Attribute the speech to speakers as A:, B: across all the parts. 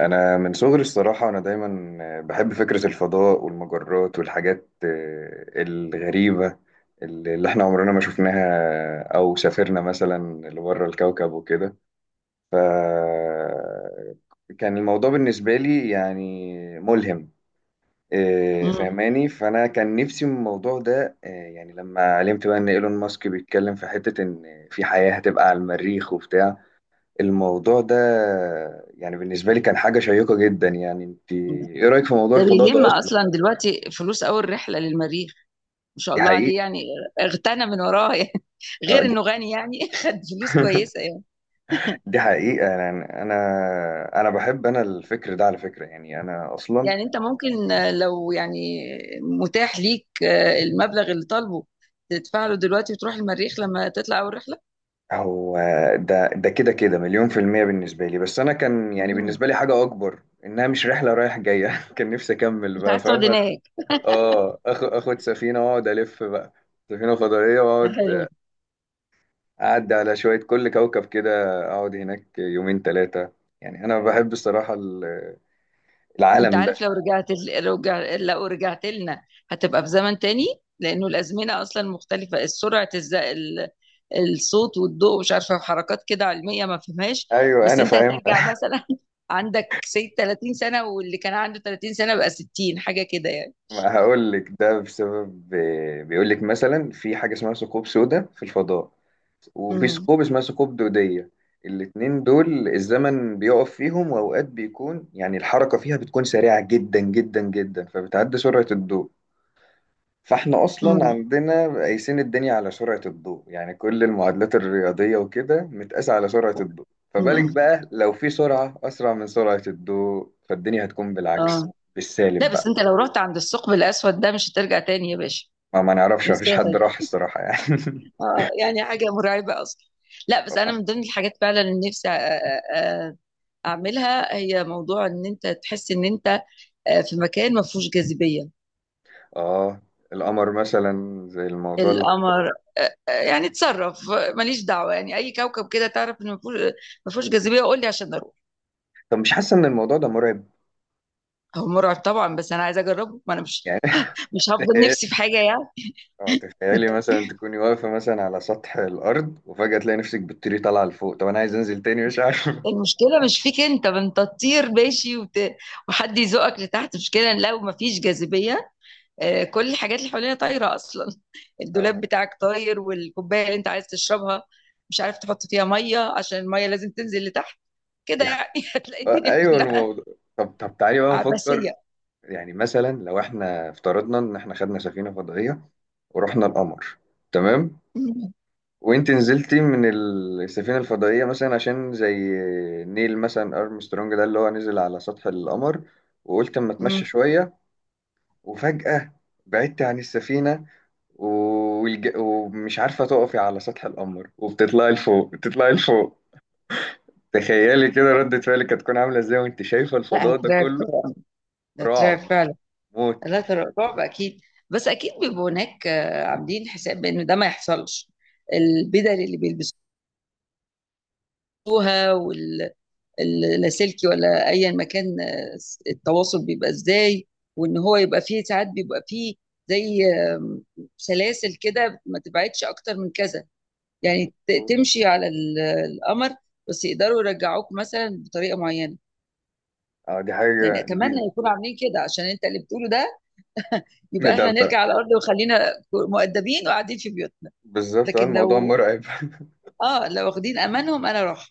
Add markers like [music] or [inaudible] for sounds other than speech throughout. A: انا من صغري الصراحه انا دايما بحب فكره الفضاء والمجرات والحاجات الغريبه اللي احنا عمرنا ما شفناها او سافرنا مثلا لبره الكوكب وكده ف كان الموضوع بالنسبه لي يعني ملهم،
B: مم.
A: فهماني. فانا كان نفسي من الموضوع ده، يعني لما علمت بقى ان ايلون ماسك بيتكلم في حته ان في حياه هتبقى على المريخ وبتاع الموضوع ده. يعني بالنسبة لي كان حاجة شيقة جدا. يعني انت ايه رأيك في موضوع
B: ده
A: الفضاء ده
B: بيلم
A: اصلا؟
B: اصلا دلوقتي فلوس اول رحله للمريخ. ما شاء
A: دي
B: الله
A: حقيقة.
B: عليه يعني اغتنى من وراها يعني. [laughs]
A: آه،
B: غير
A: دي
B: انه غني يعني. [laughs] خد فلوس كويسه
A: [laughs]
B: يعني.
A: دي حقيقة. يعني أنا بحب، أنا الفكر ده على فكرة، يعني أنا أصلا
B: يعني انت ممكن لو يعني متاح ليك المبلغ اللي طالبه تدفع له دلوقتي وتروح المريخ لما تطلع اول رحله.
A: هو ده، ده كده مليون في المية بالنسبة لي. بس أنا كان يعني
B: مم.
A: بالنسبة لي حاجة أكبر، إنها مش رحلة رايح جاية. [laughs] كان نفسي أكمل
B: انت
A: بقى،
B: عايز تقعد
A: فاهمة؟
B: هناك؟
A: آه. آخد سفينة وأقعد ألف بقى، سفينة فضائية،
B: ده
A: وأقعد
B: حلو.
A: أعدي على شوية كل كوكب كده، أقعد هناك يومين ثلاثة. يعني أنا بحب الصراحة
B: انت
A: العالم
B: عارف
A: ده.
B: لو رجعت ال- لو رجع- لو رجعت لنا هتبقى في زمن تاني. لانه الازمنه اصلا مختلفه. سرعه الصوت والضوء مش عارفه، حركات كده علميه ما فهمهاش،
A: أيوه
B: بس
A: أنا
B: انت
A: فاهم.
B: هترجع
A: [laughs]
B: مثلا [laughs] عندك سيد 30 سنه واللي كان عنده 30 سنه بقى 60. حاجه كده يعني.
A: ما هقول لك ده بسبب، بيقول لك مثلا في حاجة اسمها ثقوب سوداء في الفضاء، وفي
B: امم.
A: ثقوب اسمها ثقوب دودية. الاتنين دول الزمن بيقف فيهم، وأوقات بيكون يعني الحركة فيها بتكون سريعة جدا جدا جدا، فبتعدي سرعة الضوء. فاحنا اصلا
B: امم.
A: عندنا قايسين الدنيا على سرعة الضوء، يعني كل المعادلات الرياضية وكده متقاسة على سرعة الضوء. فبالك
B: امم.
A: بقى لو في سرعة اسرع من سرعة الضوء، فالدنيا هتكون بالعكس،
B: اه. لا
A: بالسالب
B: بس
A: بقى.
B: انت لو رحت عند الثقب الاسود ده مش هترجع تاني يا باشا.
A: ما نعرفش، ما فيش
B: انساها
A: حد راح
B: دي.
A: الصراحة يعني.
B: اه يعني حاجه مرعبه اصلا. لا، بس انا
A: [laughs]
B: من ضمن الحاجات فعلا اللي نفسي أ- اعملها هي موضوع ان انت تحس ان انت في مكان ما فيهوش جاذبيه.
A: اه، القمر مثلا زي الموضوع اللي،
B: القمر. يعني اتصرف، ماليش دعوه، يعني اي كوكب كده تعرف ان ما فيهوش جاذبيه قول لي عشان اروح.
A: طب مش حاسة ان الموضوع ده مرعب؟
B: هو مرعب طبعا بس انا عايزه اجربه، ما انا مش
A: يعني
B: مش هفضل نفسي في
A: [laughs]
B: حاجه يعني.
A: اه، تخيلي مثلا تكوني واقفة مثلا على سطح الأرض، وفجأة تلاقي نفسك بتطيري طالعة لفوق. طب أنا عايز أنزل تاني، مش عارف. [laughs]
B: المشكله مش فيك انت، ما انت تطير ماشي وحد يزقك لتحت، مشكله لو ما فيش جاذبيه. كل الحاجات اللي حوالينا طايره اصلا،
A: اه،
B: الدولاب بتاعك طاير، والكوبايه اللي انت عايز تشربها مش عارف تحط فيها ميه عشان الميه لازم تنزل لتحت كده
A: دي
B: يعني. [laughs] هتلاقي الدنيا
A: ايوه،
B: كلها
A: الموضوع. طب تعالي بقى
B: عبثيه.
A: نفكر، يعني مثلا لو احنا افترضنا ان احنا خدنا سفينه فضائيه ورحنا القمر، تمام؟
B: مم.
A: وانت نزلتي من السفينه الفضائيه مثلا، عشان زي نيل مثلا ارمسترونج ده اللي هو نزل على سطح القمر، وقلت اما اتمشى
B: مم.
A: شويه، وفجاه بعدت عن السفينه، ومش عارفه تقفي على سطح القمر، وبتطلعي لفوق بتطلعي لفوق، تخيلي كده ردة فعلك هتكون عامله ازاي، وانت شايفه
B: لا
A: الفضاء ده
B: هترعب
A: كله؟
B: طبعا، ده هترعب
A: رعب،
B: فعلا.
A: موت،
B: لا، رعب اكيد. بس اكيد بيبقوا هناك عاملين حساب بان ده ما يحصلش. البدل اللي بيلبسوها، اللاسلكي ولا ايا مكان، التواصل بيبقى ازاي، وان هو يبقى فيه ساعات بيبقى فيه زي سلاسل كده ما تبعدش اكتر من كذا، يعني
A: موت.
B: تمشي على القمر بس يقدروا يرجعوك مثلا بطريقه معينه.
A: اه دي
B: يعني
A: حاجة دي.
B: اتمنى يكونوا عاملين كده، عشان انت اللي بتقوله ده
A: إيه
B: يبقى
A: ده
B: احنا
A: ده-
B: نرجع على الارض وخلينا مؤدبين وقاعدين في بيوتنا.
A: بالظبط، اه
B: لكن
A: الموضوع
B: لو،
A: مرعب. [laughs]
B: اه لو واخدين امانهم انا اروح.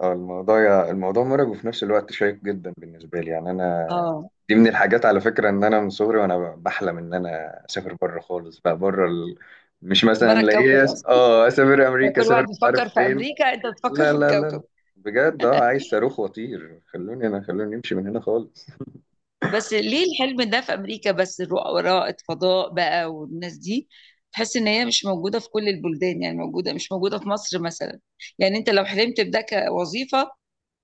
A: اه، الموضوع مرعب وفي نفس الوقت شيق جدا بالنسبة لي. يعني أنا
B: اه
A: دي من الحاجات على فكرة، إن أنا من صغري وأنا بحلم إن أنا أسافر بره خالص بقى، مش مثلا
B: بره الكوكب
A: لاقيه
B: اصلا،
A: اه أسافر
B: يعني
A: أمريكا،
B: كل
A: أسافر
B: واحد
A: مش عارف
B: بيفكر في
A: فين.
B: امريكا انت بتفكر
A: لا
B: في
A: لا لا لا،
B: الكوكب.
A: بجد اه عايز صاروخ وأطير، خلوني أنا، خلوني أمشي من هنا خالص.
B: بس ليه الحلم ده في امريكا بس؟ الرؤى فضاء بقى، والناس دي تحس ان هي مش موجوده في كل البلدان، يعني موجوده مش موجوده في مصر مثلا. يعني انت لو حلمت بده كوظيفه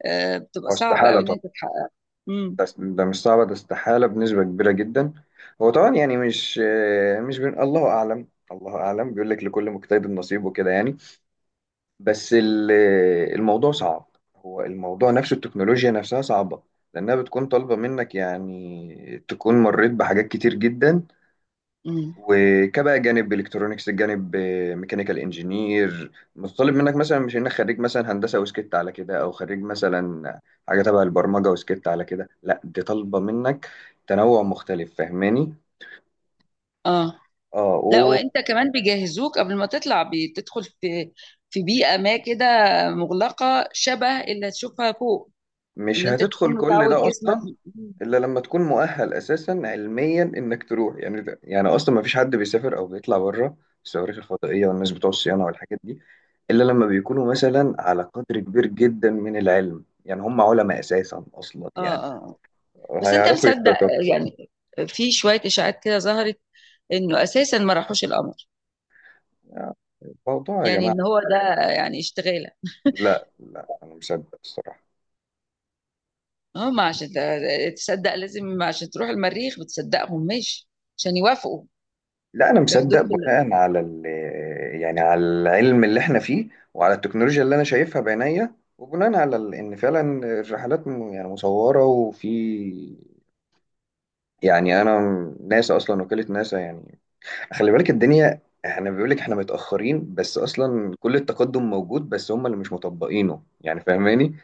B: بتبقى
A: اه
B: صعب
A: استحالة
B: قوي ان
A: طبعا.
B: انت تحققها. امم.
A: ده مش صعبة، ده استحالة بنسبة كبيرة جدا. هو طبعا يعني مش، مش بين، الله أعلم، الله أعلم. بيقول لك لكل مجتهد نصيب وكده يعني. بس الموضوع صعب. هو الموضوع نفسه، التكنولوجيا نفسها صعبة، لأنها بتكون طالبة منك يعني تكون مريت بحاجات كتير جدا،
B: امم.
A: وكبقى جانب الكترونكس، جانب ميكانيكال انجينير، متطلب منك مثلا مش انك خريج مثلا هندسه وسكت على كده، او خريج مثلا حاجه تبع البرمجه وسكت على كده. لا دي طالبه منك تنوع مختلف، فاهماني؟
B: اه،
A: اه،
B: لا وانت كمان بيجهزوك قبل ما تطلع، بتدخل في بيئه ما كده مغلقه شبه اللي تشوفها فوق،
A: مش
B: ان انت تكون
A: هتدخل كل
B: متعود
A: ده
B: جسمك.
A: اصلا،
B: مم.
A: الا لما تكون مؤهل اساسا علميا انك تروح. يعني ده يعني اصلا ما فيش حد بيسافر او بيطلع بره، الصواريخ الفضائيه والناس بتوع الصيانه والحاجات دي، الا لما بيكونوا مثلا على قدر كبير جدا من العلم. يعني هم علماء اساسا اصلا،
B: اه
A: يعني
B: اه آه. بس انت
A: هيعرفوا
B: مصدق
A: يتصرفوا.
B: يعني في شويه اشاعات كده ظهرت انه اساسا ما راحوش القمر؟
A: يعني الموضوع يا
B: يعني
A: جماعه،
B: ان هو ده يعني اشتغاله؟
A: لا انا مصدق الصراحه.
B: هم عشان تصدق لازم، عشان تروح المريخ بتصدقهم ماشي، عشان يوافقوا
A: لا انا مصدق
B: ياخدوك
A: بناء على ال، يعني على العلم اللي احنا فيه، وعلى التكنولوجيا اللي انا شايفها بعينيا، وبناء على ان فعلا يعني مصوره، وفي يعني انا، ناسا اصلا، وكاله ناسا يعني، خلي بالك الدنيا، احنا بيقول لك احنا متاخرين بس اصلا كل التقدم موجود، بس هم اللي مش مطبقينه، يعني فاهماني؟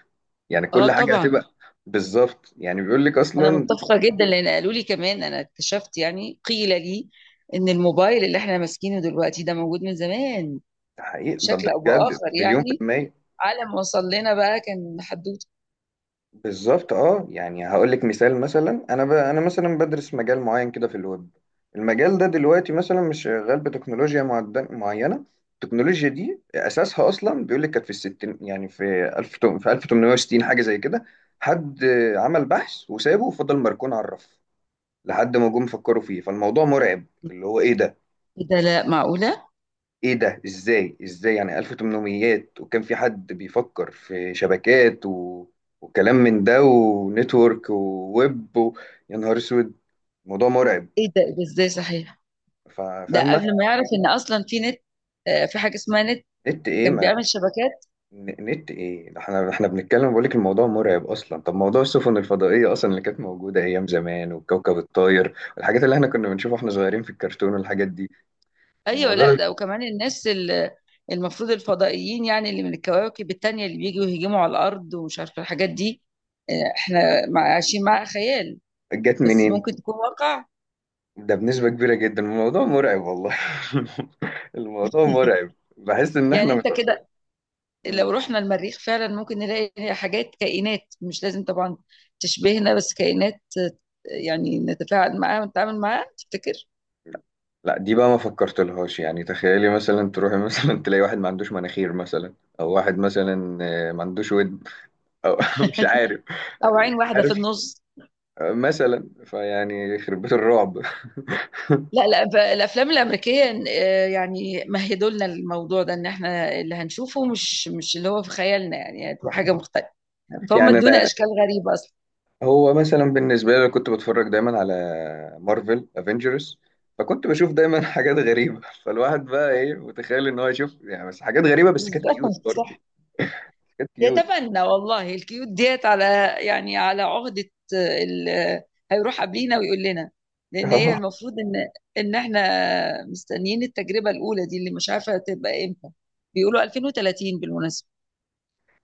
A: يعني
B: اه
A: كل حاجه
B: طبعا.
A: هتبقى بالظبط، يعني بيقول لك
B: انا
A: اصلا
B: متفقه جدا، لان قالوا لي كمان، انا اكتشفت يعني قيل لي ان الموبايل اللي احنا ماسكينه دلوقتي ده موجود من زمان
A: تحقيق. طب
B: بشكل
A: ده
B: او
A: بجد
B: باخر،
A: مليون في
B: يعني
A: المية.
B: على ما وصل لنا بقى كان حدوته.
A: بالظبط اه. يعني هقول لك مثال مثلا، انا انا مثلا بدرس مجال معين كده في الويب. المجال ده دلوقتي مثلا مش شغال بتكنولوجيا معينه. التكنولوجيا دي اساسها اصلا بيقول لك كانت في الستين، يعني في في 1860 حاجه زي كده، حد عمل بحث وسابه وفضل مركون على الرف، لحد ما جم فكروا فيه. فالموضوع مرعب، اللي هو ايه ده،
B: ايه ده، لا معقوله؟
A: ازاي، ازاي يعني 1800 وكان في حد بيفكر في شبكات و... وكلام من ده، ونتورك وويب و... يا نهار اسود، الموضوع مرعب.
B: ايه ده، إيه ده، ازاي؟ صحيح، ده
A: فاهمه.
B: قبل ما يعرف ان اصلا في نت، في حاجه اسمها نت
A: نت ايه
B: كان
A: ما...
B: بيعمل شبكات.
A: نت ايه ده؟ احنا بنتكلم، بقول لك الموضوع مرعب اصلا. طب موضوع السفن الفضائيه اصلا اللي كانت موجوده ايام زمان، والكوكب الطاير والحاجات اللي احنا كنا بنشوفها واحنا صغيرين في الكرتون والحاجات دي،
B: ايوه،
A: الموضوع
B: لا
A: ده
B: ده وكمان الناس المفروض الفضائيين يعني، اللي من الكواكب التانية اللي بيجوا يهجموا على الارض ومش عارفه الحاجات دي، احنا عايشين مع خيال،
A: جت
B: بس
A: منين؟
B: ممكن تكون واقع.
A: ده بنسبة كبيرة جدا الموضوع مرعب والله. [laughs] الموضوع مرعب، بحس ان
B: يعني
A: احنا
B: انت
A: مت...
B: كده، لو
A: مم.
B: رحنا المريخ فعلا ممكن نلاقي حاجات، كائنات، مش لازم طبعا تشبهنا بس كائنات يعني نتفاعل معاها ونتعامل معاها، تفتكر؟
A: لا دي بقى ما فكرت لهاش، يعني تخيلي مثلا تروحي مثلا [laughs] تلاقي واحد ما عندوش مناخير مثلا، او واحد مثلا ما عندوش ود، او [laughs] مش عارف،
B: او عين
A: مش
B: واحده في
A: عارف،
B: النص.
A: مثلا فيعني يخرب بيت الرعب. [laughs]
B: لا لا، الافلام الامريكيه يعني مهدوا لنا الموضوع ده ان احنا اللي هنشوفه مش اللي هو في خيالنا، يعني هتبقى حاجه مختلفه. فهم
A: يعني
B: ادونا اشكال غريبه اصلا.
A: هو مثلا بالنسبة لي كنت بتفرج دايما على مارفل افنجرز، فكنت بشوف دايما [laughs] حاجات غريبة. فالواحد بقى ايه متخيل ان هو يشوف يعني بس حاجات غريبة، بس كانت
B: بالظبط
A: كيوت برضه،
B: صح.
A: كانت كيوت.
B: يتمنى والله الكيوت ديت على يعني على عقده، آه، ال- آه، هيروح قبلينا ويقول لنا. لان هي
A: [laughs]
B: المفروض ان احنا مستنيين التجربه الاولى دي اللي مش عارفه تبقى امتى، بيقولوا 2030 بالمناسبه.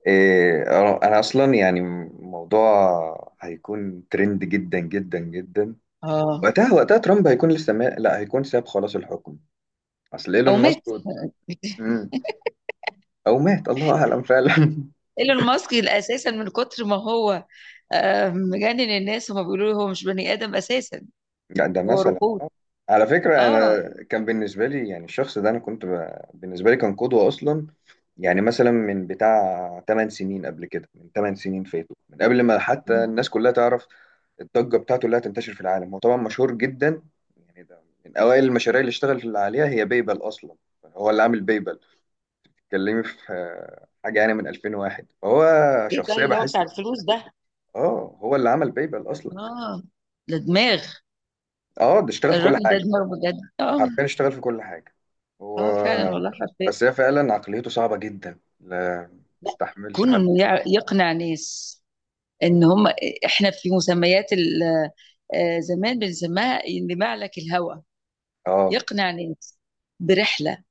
A: إيه، أنا أصلا يعني الموضوع هيكون ترند جدا جدا جدا
B: اه
A: وقتها. وقتها ترامب هيكون لسه ما... لا هيكون ساب خلاص الحكم. أصل إيلون
B: او
A: ماسك،
B: مات. [laughs]
A: مم. أو مات الله أعلم فعلا. [laughs]
B: ايلون ماسك اساسا من كتر ما هو مجنن الناس، هما بيقولوا له هو مش بني ادم اساسا،
A: يعني ده
B: هو
A: مثلا،
B: روبوت.
A: على فكرة أنا
B: اه.
A: كان بالنسبة لي يعني الشخص ده، أنا كنت بالنسبة لي كان قدوة أصلا. يعني مثلا من بتاع 8 سنين قبل كده، من 8 سنين فاتوا، من قبل ما حتى الناس كلها تعرف الضجة بتاعته اللي هتنتشر في العالم. هو طبعا مشهور جدا. يعني ده من أوائل المشاريع اللي اشتغل عليها هي بيبل أصلا، هو اللي عامل بيبل، اتكلمي في حاجة يعني من 2001، هو
B: ايه ده
A: شخصية
B: اللي هو
A: بحس،
B: بتاع الفلوس ده؟
A: اه هو اللي عمل بيبل أصلا.
B: اه، ده دماغ.
A: اه ده اشتغل في كل
B: الراجل ده
A: حاجة،
B: دماغ بجد، اه.
A: حرفيا اشتغل في كل حاجة. هو
B: اه فعلا والله، حرفيا.
A: بس هي فعلا عقليته صعبة جدا، لا
B: لا،
A: تستحملش
B: كونه
A: حد.
B: انه يقنع ناس ان هم، احنا في مسميات زمان بنسميها ان معلك الهوى،
A: اه
B: يقنع ناس برحله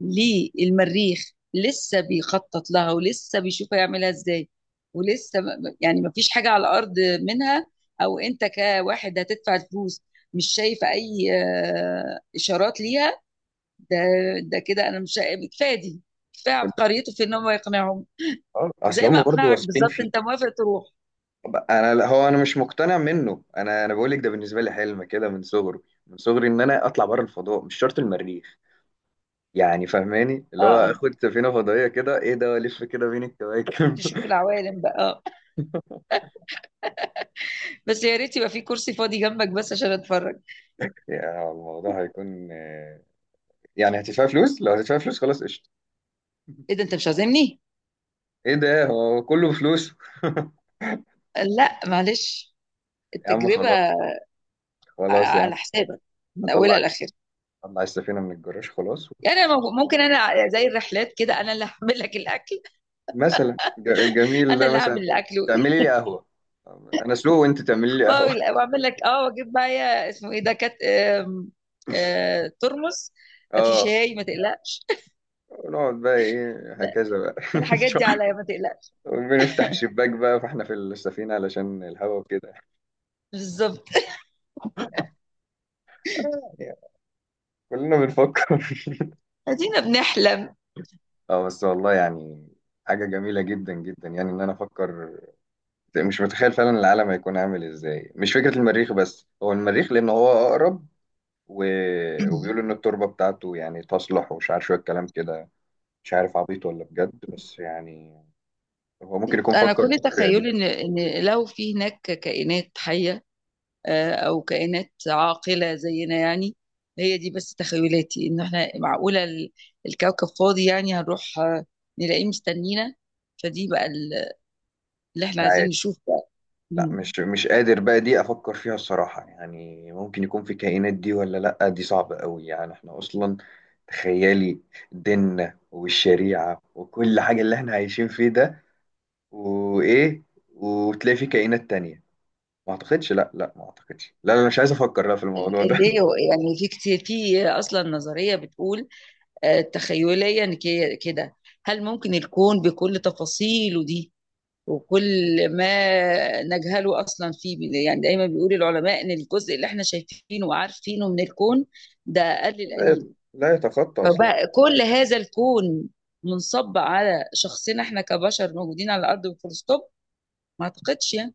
B: للمريخ لسه بيخطط لها ولسه بيشوف هيعملها ازاي، ولسه يعني ما فيش حاجة على الأرض منها، أو أنت كواحد هتدفع فلوس مش شايف أي إشارات ليها، ده ده كده أنا مش شايف- كفاية دي، كفاية عبقريته في إن هو يقنعهم،
A: اه. اصل
B: زي ما
A: هم برضه
B: أقنعك
A: واثقين
B: بالظبط،
A: فيه.
B: أنت موافق تروح.
A: طب انا لا، هو انا مش مقتنع منه. انا انا بقول لك ده بالنسبه لي حلم كده من صغري، من صغري ان انا اطلع بره الفضاء، مش شرط المريخ. يعني فاهماني
B: أه
A: اللي هو
B: أه،
A: اخد سفينه فضائيه كده، ايه ده والف كده بين الكواكب.
B: تشوف
A: [laughs]
B: العوالم بقى، أه. بس يا ريت يبقى في كرسي فاضي جنبك بس عشان أتفرج.
A: يعني الموضوع هيكون، يعني هتدفع فلوس، لو هتدفع فلوس خلاص قشطه.
B: إيه ده أنت مش عازمني؟
A: ايه ده هو كله فلوس.
B: لا معلش،
A: [laughs] يا عم
B: التجربة
A: خلاص، خلاص يا عم.
B: على حسابك من
A: هطلع،
B: اولها لاخرها.
A: هطلع السفينه من الجراج خلاص.
B: يعني أنا ممكن انا زي الرحلات كده، انا اللي هعمل لك الاكل،
A: مثلا جميل
B: انا
A: ده
B: اللي
A: مثلا.
B: هعمل الاكل.
A: تعملي
B: [laughs]
A: لي قهوة، أنا سلو وأنت تعملي لي قهوة. [laughs]
B: واعمل لك، اه، واجيب معايا اسمه ايه ده، كات، ترمس، في
A: أه،
B: شاي، ما تقلقش.
A: ونقعد بقى إيه
B: لا،
A: هكذا بقى.
B: الحاجات دي عليا ما تقلقش.
A: [laughs] بنفتح الشباك بقى فإحنا في السفينة علشان الهوا وكده. [laughs]
B: بالظبط،
A: يعني كلنا بنفكر. [laughs]
B: ادينا بنحلم.
A: أه بس والله يعني حاجة جميلة جدا جدا، يعني إن أنا أفكر، مش متخيل فعلا العالم هيكون عامل إزاي. مش فكرة المريخ بس، هو المريخ لأن هو أقرب و... وبيقولوا إن
B: [clears throat]
A: التربة بتاعته يعني تصلح، ومش عارف شوية كلام كده، مش عارف عبيط ولا بجد، بس يعني هو ممكن يكون
B: انا
A: فكر
B: كل
A: بالطريقة دي.
B: تخيلي ان لو في هناك كائنات حيه او كائنات عاقله زينا يعني. هي دي بس تخيلاتي، ان احنا معقوله الكوكب فاضي؟ يعني هنروح نلاقيه مستنينا، فدي بقى اللي
A: مش
B: احنا عايزين
A: عارف.
B: نشوف بقى.
A: لا
B: مم.
A: مش مش قادر بقى دي افكر فيها الصراحة، يعني ممكن يكون في كائنات دي ولا لا، دي صعبة قوي. يعني احنا اصلا تخيلي، ديننا والشريعة وكل حاجة اللي احنا عايشين فيه ده، وايه، وتلاقي في كائنات تانية؟ ما اعتقدش، لا لا ما اعتقدش، لا انا مش عايز افكر لا في الموضوع ده.
B: اللي هو يعني في كتير، في اصلا نظريه بتقول، تخيليا كده، هل ممكن الكون بكل تفاصيله دي وكل ما نجهله اصلا فيه، يعني دايما بيقول العلماء ان الجزء اللي احنا شايفينه وعارفينه من الكون ده اقل
A: [laughs] لا،
B: القليل،
A: لا يتخطى اصلا.
B: فبقى كل هذا الكون منصب على شخصنا، احنا كبشر موجودين على الارض، وفول ستوب؟ ما اعتقدش يعني.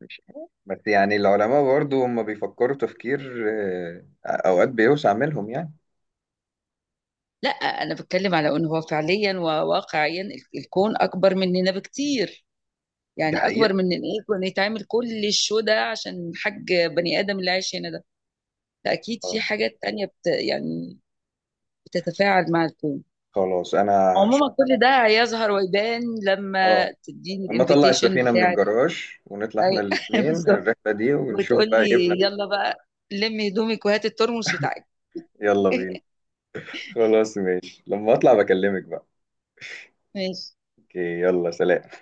A: مش عارف. بس يعني العلماء برضو هم بيفكروا تفكير اوقات بيوسع منهم يعني.
B: لا انا بتكلم على ان هو فعليا وواقعيا الكون اكبر مننا بكتير،
A: دي
B: يعني
A: حقيقة.
B: اكبر من ان ايه كنا يتعمل كل الشو ده عشان حاج بني ادم اللي عايش هنا ده. فاكيد في
A: آه،
B: حاجات تانية يعني بتتفاعل مع الكون.
A: خلاص انا هش-
B: عموما كل ده هيظهر ويبان
A: اه
B: لما تديني
A: اما اطلع
B: الانفيتيشن
A: السفينة من
B: بتاعت.
A: الجراج ونطلع احنا
B: اي، [laughs]
A: الاتنين
B: بالظبط،
A: الرحلة دي ونشوف
B: وتقول
A: بقى ايه بنا.
B: لي يلا بقى لمي هدومك وهات الترمس بتاعك.
A: يلا بينا.
B: [laughs]
A: خلاص ماشي، لما اطلع بكلمك بقى.
B: ماشي.
A: اوكي يلا سلام.